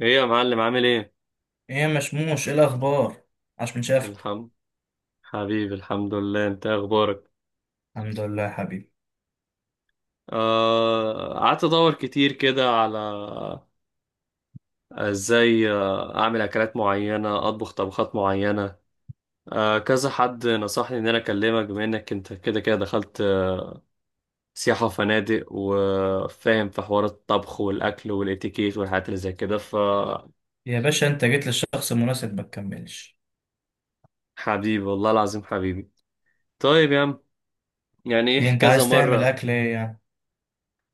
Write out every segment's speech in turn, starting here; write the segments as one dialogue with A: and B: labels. A: ايه يا معلم، عامل ايه؟
B: ايه يا مشموش، ايه الاخبار؟ عاش من شافك.
A: الحمد حبيبي، الحمد لله، انت إيه اخبارك؟
B: الحمد لله يا حبيبي.
A: قعدت ادور كتير كده على ازاي، اعمل اكلات معينه، اطبخ طبخات معينه. كذا حد نصحني ان انا اكلمك، بما انك انت كده كده دخلت سياحه وفنادق، وفاهم في حوار الطبخ والاكل والاتيكيت والحاجات اللي زي كده.
B: يا باشا انت جيت للشخص المناسب، ما تكملش.
A: فحبيبي، والله العظيم حبيبي. طيب يا عم، يعني ايه
B: ايه انت
A: كذا
B: عايز تعمل
A: مرة.
B: اكل ايه يعني؟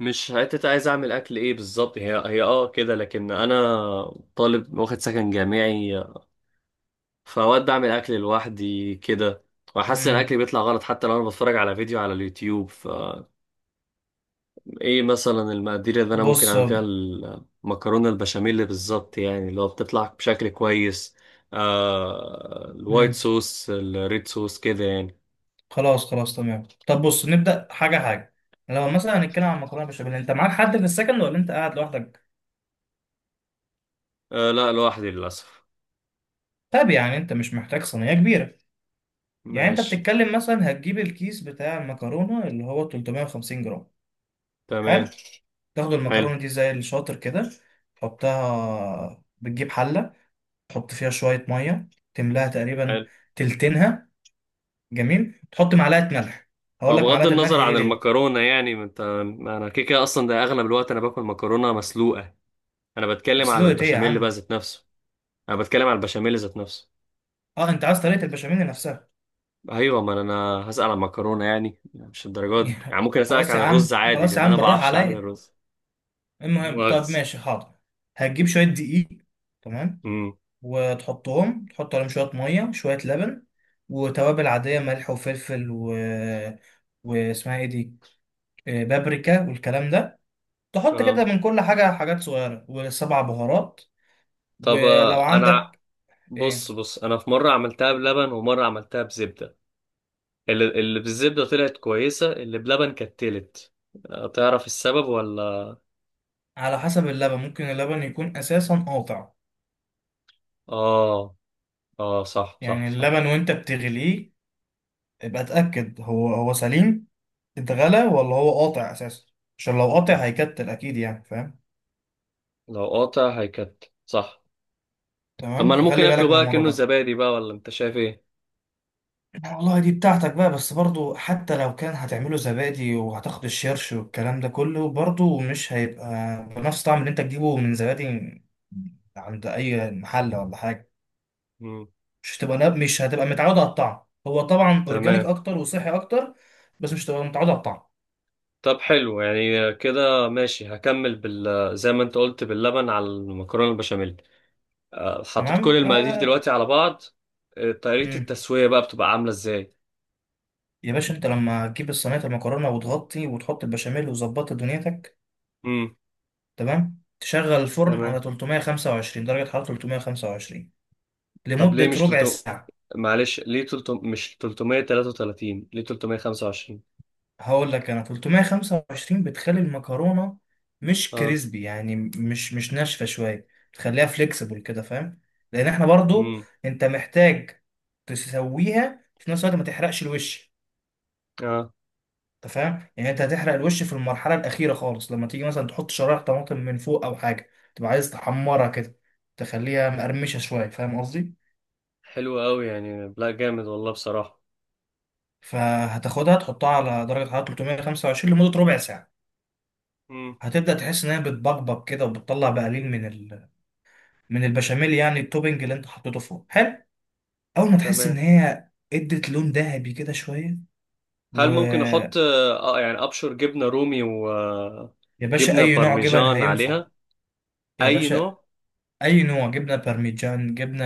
A: مش حتة عايز أعمل أكل إيه بالظبط، هي كده، لكن أنا طالب واخد سكن جامعي. فأوقات بعمل أكل لوحدي كده، وأحس إن أكلي
B: امم
A: بيطلع غلط حتى لو أنا بتفرج على فيديو على اليوتيوب، فا... إيه مثلا المقادير اللي أنا ممكن
B: بص.
A: أعمل فيها المكرونة البشاميل بالظبط، يعني اللي هو بتطلع بشكل كويس؟ الوايت
B: امم
A: صوص، الريد صوص كده يعني.
B: خلاص خلاص تمام، طب بص نبدا حاجه حاجه. لو مثلا هنتكلم عن مكرونه بشاميل، انت معاك حد في السكن ولا انت قاعد لوحدك؟
A: لا، لوحدي للأسف.
B: طب يعني انت مش محتاج صينيه كبيره. يعني انت
A: ماشي.
B: بتتكلم مثلا هتجيب الكيس بتاع المكرونه اللي هو 350 جرام. حلو.
A: تمام.
B: تاخد
A: حلو،
B: المكرونه دي زي الشاطر كده، تحطها، بتجيب حله، تحط فيها شوية مية، تملاها تقريبا
A: حلو.
B: تلتينها. جميل، تحط معلقة ملح. هقول
A: هو
B: لك
A: بغض
B: معلقة الملح
A: النظر
B: دي
A: عن
B: ليه.
A: المكرونة، يعني ما انا كده كده اصلا، ده اغلب الوقت انا باكل مكرونة مسلوقة. انا بتكلم على
B: مسلوقة ايه يا
A: البشاميل بقى
B: عم؟
A: ذات نفسه. انا بتكلم على البشاميل ذات نفسه.
B: اه انت عايز طريقة البشاميل نفسها.
A: ايوه، ما انا هسأل عن المكرونة، يعني مش الدرجة دي، يعني ممكن اسألك
B: خلاص
A: عن
B: يا عم،
A: الرز عادي،
B: خلاص يا
A: لان
B: عم،
A: انا ما
B: بالراحة
A: بعرفش اعمل
B: عليا.
A: الرز.
B: المهم، طب
A: مؤاخذة.
B: ماشي حاضر، هتجيب شوية دقيق. تمام.
A: امم.
B: وتحطهم، تحط عليهم شوية مية شوية لبن، وتوابل عادية ملح وفلفل واسمها ايه دي، بابريكا والكلام ده. تحط كده
A: اه.
B: من كل حاجة، حاجات صغيرة، والسبع بهارات
A: طب،
B: ولو عندك.
A: بص
B: ايه؟
A: بص، انا في مرة عملتها بلبن ومرة عملتها بزبدة. اللي بالزبدة طلعت كويسة، اللي بلبن كانت تلت. تعرف السبب ولا؟
B: على حسب اللبن، ممكن اللبن يكون اساسا قاطع.
A: اه، اه. صح، صح،
B: يعني
A: صح.
B: اللبن وانت بتغليه، ابقى اتاكد هو هو سليم، اتغلى ولا هو قاطع اساسا. عشان لو قاطع هيكتل اكيد، يعني فاهم.
A: لو قاطع هيكت، صح. طب
B: تمام،
A: ما انا ممكن
B: فخلي
A: اكله
B: بالك من
A: بقى
B: الموضوع
A: كأنه
B: ده.
A: زبادي بقى، ولا انت شايف ايه؟
B: والله دي بتاعتك بقى، بس برضو حتى لو كان هتعمله زبادي وهتاخد الشيرش والكلام ده كله، برضو مش هيبقى بنفس طعم اللي انت تجيبه من زبادي عند اي محل ولا حاجة.
A: مم.
B: مش هتبقى متعود على الطعم. هو طبعا اورجانيك
A: تمام.
B: اكتر وصحي اكتر، بس مش هتبقى متعود على الطعم.
A: طب حلو يعني كده ماشي، هكمل بال... زي ما انت قلت، باللبن على المكرونه البشاميل. حطيت كل
B: تمام
A: المقادير دلوقتي على بعض. طريقه
B: مم.
A: التسويه بقى بتبقى عامله ازاي؟
B: يا باشا انت لما تجيب الصينيه المكرونه وتغطي وتحط البشاميل وظبطت دنيتك،
A: امم.
B: تمام، تشغل الفرن
A: تمام.
B: على 325 درجه حراره، 325
A: طب ليه
B: لمده
A: مش
B: ربع
A: 300؟
B: ساعه.
A: معلش، ليه 300 مش 333؟ ليه 325؟
B: هقول لك انا 325 بتخلي المكرونه مش
A: اه.
B: كريسبي، يعني مش ناشفه شويه، بتخليها فليكسبل كده، فاهم؟ لان احنا برضو،
A: امم.
B: انت محتاج تسويها في نفس الوقت ما تحرقش الوش.
A: اه.
B: انت فاهم، يعني انت هتحرق الوش في المرحله الاخيره خالص لما تيجي مثلا تحط شرايح طماطم من فوق او حاجه، تبقى عايز تحمرها كده، تخليها مقرمشه شويه، فاهم قصدي؟
A: حلو قوي يعني، لا جامد والله بصراحه.
B: فهتاخدها تحطها على درجه حراره 325 لمده ربع ساعه.
A: امم.
B: هتبدأ تحس إنها بتبقبق كده، وبتطلع بقليل من من البشاميل، يعني التوبنج اللي انت حطيته فوق. حلو، اول ما تحس ان
A: تمام.
B: هي ادت لون ذهبي كده شويه.
A: هل ممكن احط
B: ويا
A: يعني ابشر جبنه رومي
B: باشا،
A: وجبنه
B: اي نوع جبن
A: بارميجان
B: هينفع.
A: عليها؟
B: يا
A: اي
B: باشا
A: نوع؟
B: اي نوع، جبنه بارميجان، جبنه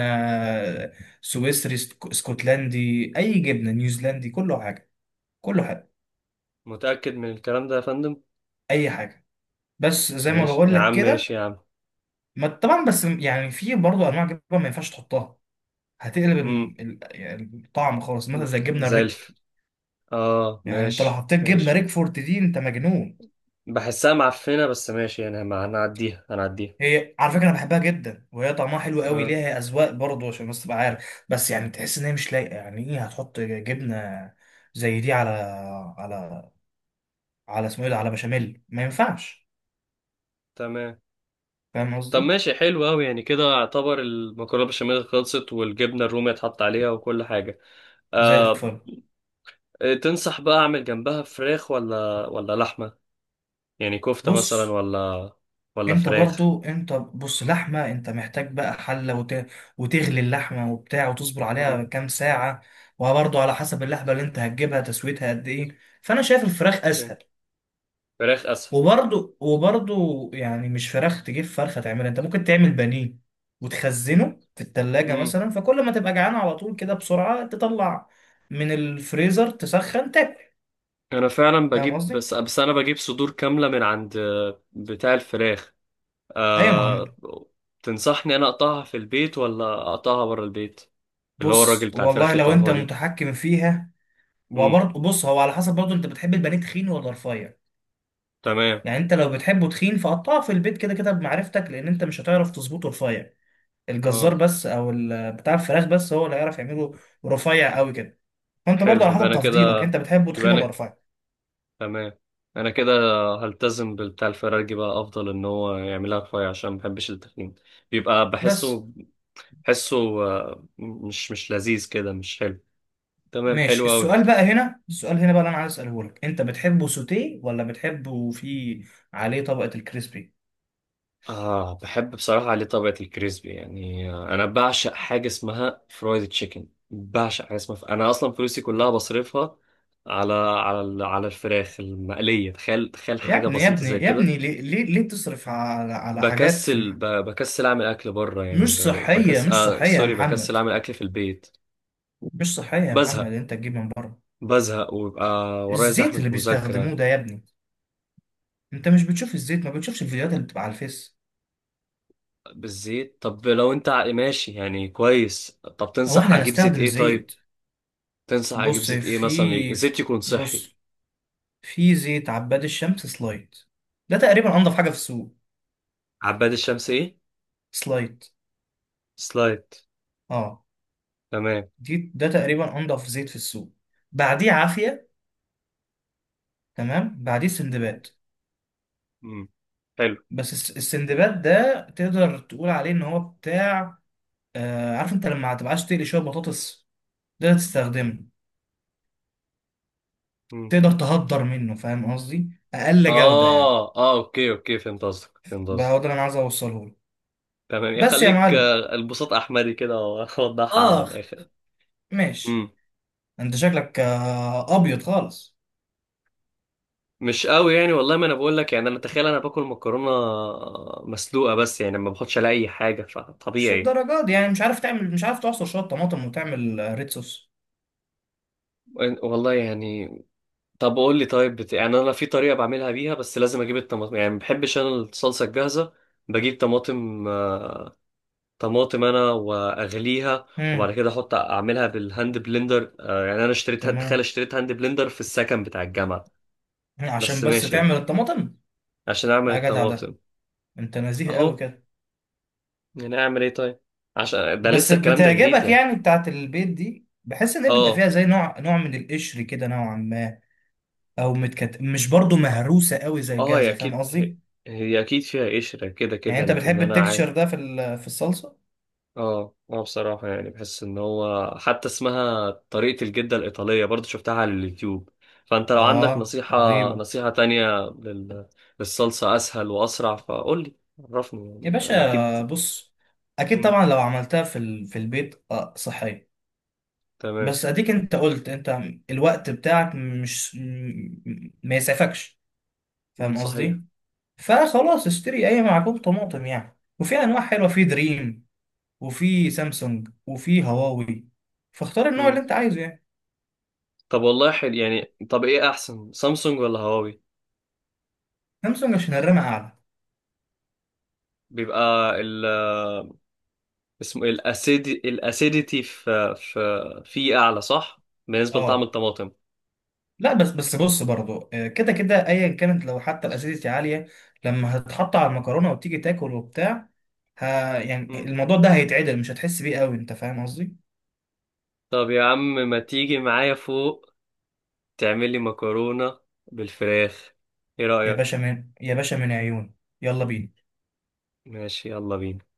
B: سويسري، اسكتلندي، اي جبنه، نيوزيلندي، كله حاجه، كله حاجه،
A: متاكد من الكلام ده يا فندم؟
B: اي حاجه، بس زي ما
A: ماشي
B: بقول
A: يا
B: لك
A: عم،
B: كده.
A: ماشي يا عم.
B: ما طبعا، بس يعني في برضه انواع جبن ما ينفعش تحطها، هتقلب
A: امم.
B: يعني الطعم خالص، مثلا زي الجبنه
A: زي
B: الريكفورد.
A: الف... اه،
B: يعني انت لو
A: ماشي،
B: حطيت جبنه
A: ماشي.
B: ريكفورد دي انت مجنون.
A: بحسها معفنه، بس ماشي يعني ما هنعديها هنعديها.
B: هي على فكره انا بحبها جدا وهي طعمها حلو قوي،
A: اه.
B: ليها اذواق برضه، عشان بس تبقى عارف، بس يعني تحس ان هي مش لايقه. يعني ايه هتحط جبنه زي دي على على على اسمه ايه ده، على بشاميل، ما ينفعش.
A: تمام.
B: فاهم
A: طب
B: قصدي؟
A: ماشي، حلو قوي يعني، كده اعتبر المكرونه بشاميل خلصت والجبنه الرومي اتحط عليها وكل حاجه.
B: زي
A: آه.
B: الفل.
A: تنصح بقى اعمل جنبها فراخ ولا لحمه؟ يعني كفتة مثلا
B: بص
A: ولا... ولا
B: انت
A: فراخ؟
B: برضو، انت بص، لحمه، انت محتاج بقى حله وتغلي اللحمه وبتاع وتصبر
A: امم.
B: عليها كام ساعه. وبرضو على حسب اللحمه اللي انت هتجيبها تسويتها قد ايه، فانا شايف الفراخ
A: اوكي،
B: اسهل.
A: فراخ اسهل.
B: وبرضو يعني مش فراخ تجيب فرخة تعملها، انت ممكن تعمل بانيه وتخزنه في التلاجة
A: امم.
B: مثلا، فكل ما تبقى جعان على طول كده بسرعة تطلع من الفريزر تسخن تاكل.
A: انا فعلا
B: فاهم
A: بجيب،
B: قصدي؟
A: بس انا بجيب صدور كاملة من عند بتاع الفراخ.
B: ايوه، ما
A: أه...
B: هم-
A: تنصحني انا اقطعها في البيت ولا اقطعها بره البيت؟ اللي هو الراجل
B: بص
A: بتاع
B: والله
A: الفراخ
B: لو انت
A: يقطعها لي.
B: متحكم فيها.
A: امم.
B: وبرضه بص، هو على حسب برضه انت بتحب البانيه تخين ولا رفيع؟
A: تمام.
B: يعني انت لو بتحبه تخين فقطعه في البيت كده كده بمعرفتك، لان انت مش هتعرف تظبطه رفيع. الجزار
A: اه.
B: بس او بتاع الفراخ بس هو اللي هيعرف يعمله رفيع قوي كده. فانت برضه
A: حلو،
B: على
A: يبقى
B: حسب
A: انا كده،
B: تفضيلك، انت بتحبه
A: يبقى
B: تخين
A: انا
B: ولا
A: ك-
B: رفيع؟
A: تمام، انا كده هلتزم بالبتاع الفراخ بقى، افضل ان هو يعملها رفيع عشان ما بحبش التخين. بيبقى
B: بس
A: بحسه، مش لذيذ كده، مش حلو. تمام،
B: ماشي،
A: حلو أوي.
B: السؤال بقى هنا، السؤال هنا بقى اللي انا عايز اساله لك، انت بتحبه سوتيه ولا بتحبه فيه عليه طبقة الكريسبي؟
A: بحب بصراحة عليه طبقة الكريسبي يعني، أنا بعشق حاجة اسمها فرايد تشيكن، بعشق حاجة اسمها أنا أصلا فلوسي كلها بصرفها على الفراخ المقلية. تخيل، تخيل
B: يا
A: حاجة
B: ابني يا
A: بسيطة
B: ابني
A: زي
B: يا
A: كده.
B: ابني، ليه ليه, ليه تصرف على
A: بكسل ب- بكسل أعمل أكل بره يعني ب-...
B: مش صحية، مش صحية يا
A: سوري، بكسل
B: محمد.
A: أعمل أكل في البيت.
B: مش صحية يا محمد،
A: بزهق
B: انت تجيب من بره.
A: بزهق ويبقى ورايا
B: الزيت
A: زحمة
B: اللي بيستخدموه
A: مذاكرة.
B: ده يا ابني، انت مش بتشوف الزيت؟ ما بتشوفش الفيديوهات اللي بتبقى على الفيس؟
A: بالزيت، طب لو ماشي يعني كويس، طب
B: هو
A: تنصح
B: احنا
A: اجيب زيت
B: هنستخدم
A: ايه طيب؟
B: زيت؟
A: تنصح اجيب
B: بص
A: زيت ايه، مثلا
B: في في-
A: زيت يكون صحي؟
B: بص في زيت عباد الشمس سلايت، ده تقريبا انضف حاجه في السوق.
A: عباد الشمس ايه؟
B: سلايت،
A: سلايد؟
B: اه،
A: تمام.
B: دي ده تقريبا انضف زيت في السوق. بعديه عافيه، تمام، بعديه سندباد.
A: مم. حلو.
B: بس السندباد ده تقدر تقول عليه ان هو بتاع، عارف انت لما هتبقاش تقلي شويه بطاطس تقدر تستخدمه،
A: مم.
B: تقدر تهدر منه. فاهم قصدي؟ اقل جوده يعني.
A: اه، اه، اوكي، اوكي، فهمت قصدك، فهمت
B: بقى
A: قصدك.
B: هو ده اللي انا عايز اوصله لك.
A: تمام
B: بس يا
A: يخليك،
B: معلم،
A: البساط احمدي كده، واوضحها على
B: اخ،
A: الاخر.
B: ماشي.
A: مم.
B: انت شكلك ابيض خالص،
A: مش قوي يعني، والله ما انا بقول لك يعني، انا تخيل انا باكل مكرونه مسلوقه، بس يعني ما باخدش عليها اي حاجه
B: مش
A: فطبيعي.
B: الدرجات دي. يعني مش عارف تعمل، مش عارف تعصر شوية طماطم وتعمل ريد صوص؟
A: والله يعني. طب قول لي طيب، يعني انا في طريقه بعملها بيها، بس لازم اجيب الطماطم يعني، ما بحبش انا الصلصه الجاهزه. بجيب طماطم، انا واغليها وبعد
B: امم
A: كده احط اعملها بالهاند بلندر، يعني انا اشتريت هاند، تخيل،
B: تمام،
A: اشتريت هاند بلندر في السكن بتاع الجامعه.
B: عشان
A: بس
B: بس
A: ماشي
B: تعمل
A: يعني،
B: الطماطم.
A: عشان اعمل
B: يا جدع ده،
A: الطماطم.
B: انت نزيه
A: اهو.
B: قوي كده.
A: يعني اعمل ايه طيب؟ عشان ده
B: بس
A: لسه الكلام ده جديد
B: بتعجبك
A: يعني.
B: يعني بتاعت البيت دي؟ بحس ان هي بيبقى
A: اه.
B: فيها زي نوع نوع من القشر كده نوعا ما، مش برضو مهروسة قوي زي
A: اه، هي
B: الجاهزة. فاهم
A: اكيد هي,
B: قصدي؟
A: هي اكيد فيها قشره كده
B: يعني
A: كده،
B: انت
A: لكن
B: بتحب
A: انا عادي.
B: التكتشر ده في في الصلصة؟
A: اه، اه، بصراحة يعني بحس ان هو حتى اسمها طريقة الجدة الإيطالية، برضو شفتها على اليوتيوب. فانت لو عندك
B: اه
A: نصيحة،
B: رهيبة.
A: نصيحة تانية للصلصة اسهل واسرع، فقول لي. عرفني
B: يا
A: يعني، انا
B: باشا
A: اكيد.
B: بص، اكيد
A: مم.
B: طبعا لو عملتها في في البيت صحية.
A: تمام.
B: بس اديك انت قلت انت الوقت بتاعك مش ما يسعفكش،
A: مم.
B: فاهم
A: صحيح.
B: قصدي؟ فخلاص اشتري اي معجون طماطم يعني. وفي انواع حلوه في دريم، وفي سامسونج، وفي هواوي، فاختار النوع اللي
A: مم.
B: انت عايزه يعني.
A: طب والله حلو يعني، طب ايه احسن، سامسونج ولا هواوي؟
B: سامسونج عشان الرامه اعلى.
A: بيبقى ال... اسمه ايه، الاسيديتي في اعلى صح بالنسبة لطعم
B: اه
A: الطماطم؟
B: لا، بس بس بص برضو، كده كده ايا كانت، لو حتى الاسيديتي عاليه، لما هتتحط على المكرونه وتيجي تاكل وبتاع، ها، يعني
A: مم.
B: الموضوع ده هيتعدل، مش هتحس بيه قوي، انت فاهم قصدي؟
A: طب يا عم، ما تيجي معايا فوق تعمل لي مكرونة بالفراخ، ايه
B: يا باشا
A: رأيك؟
B: من، يا باشا من عيون، يلا بينا.
A: ماشي، يلا بينا.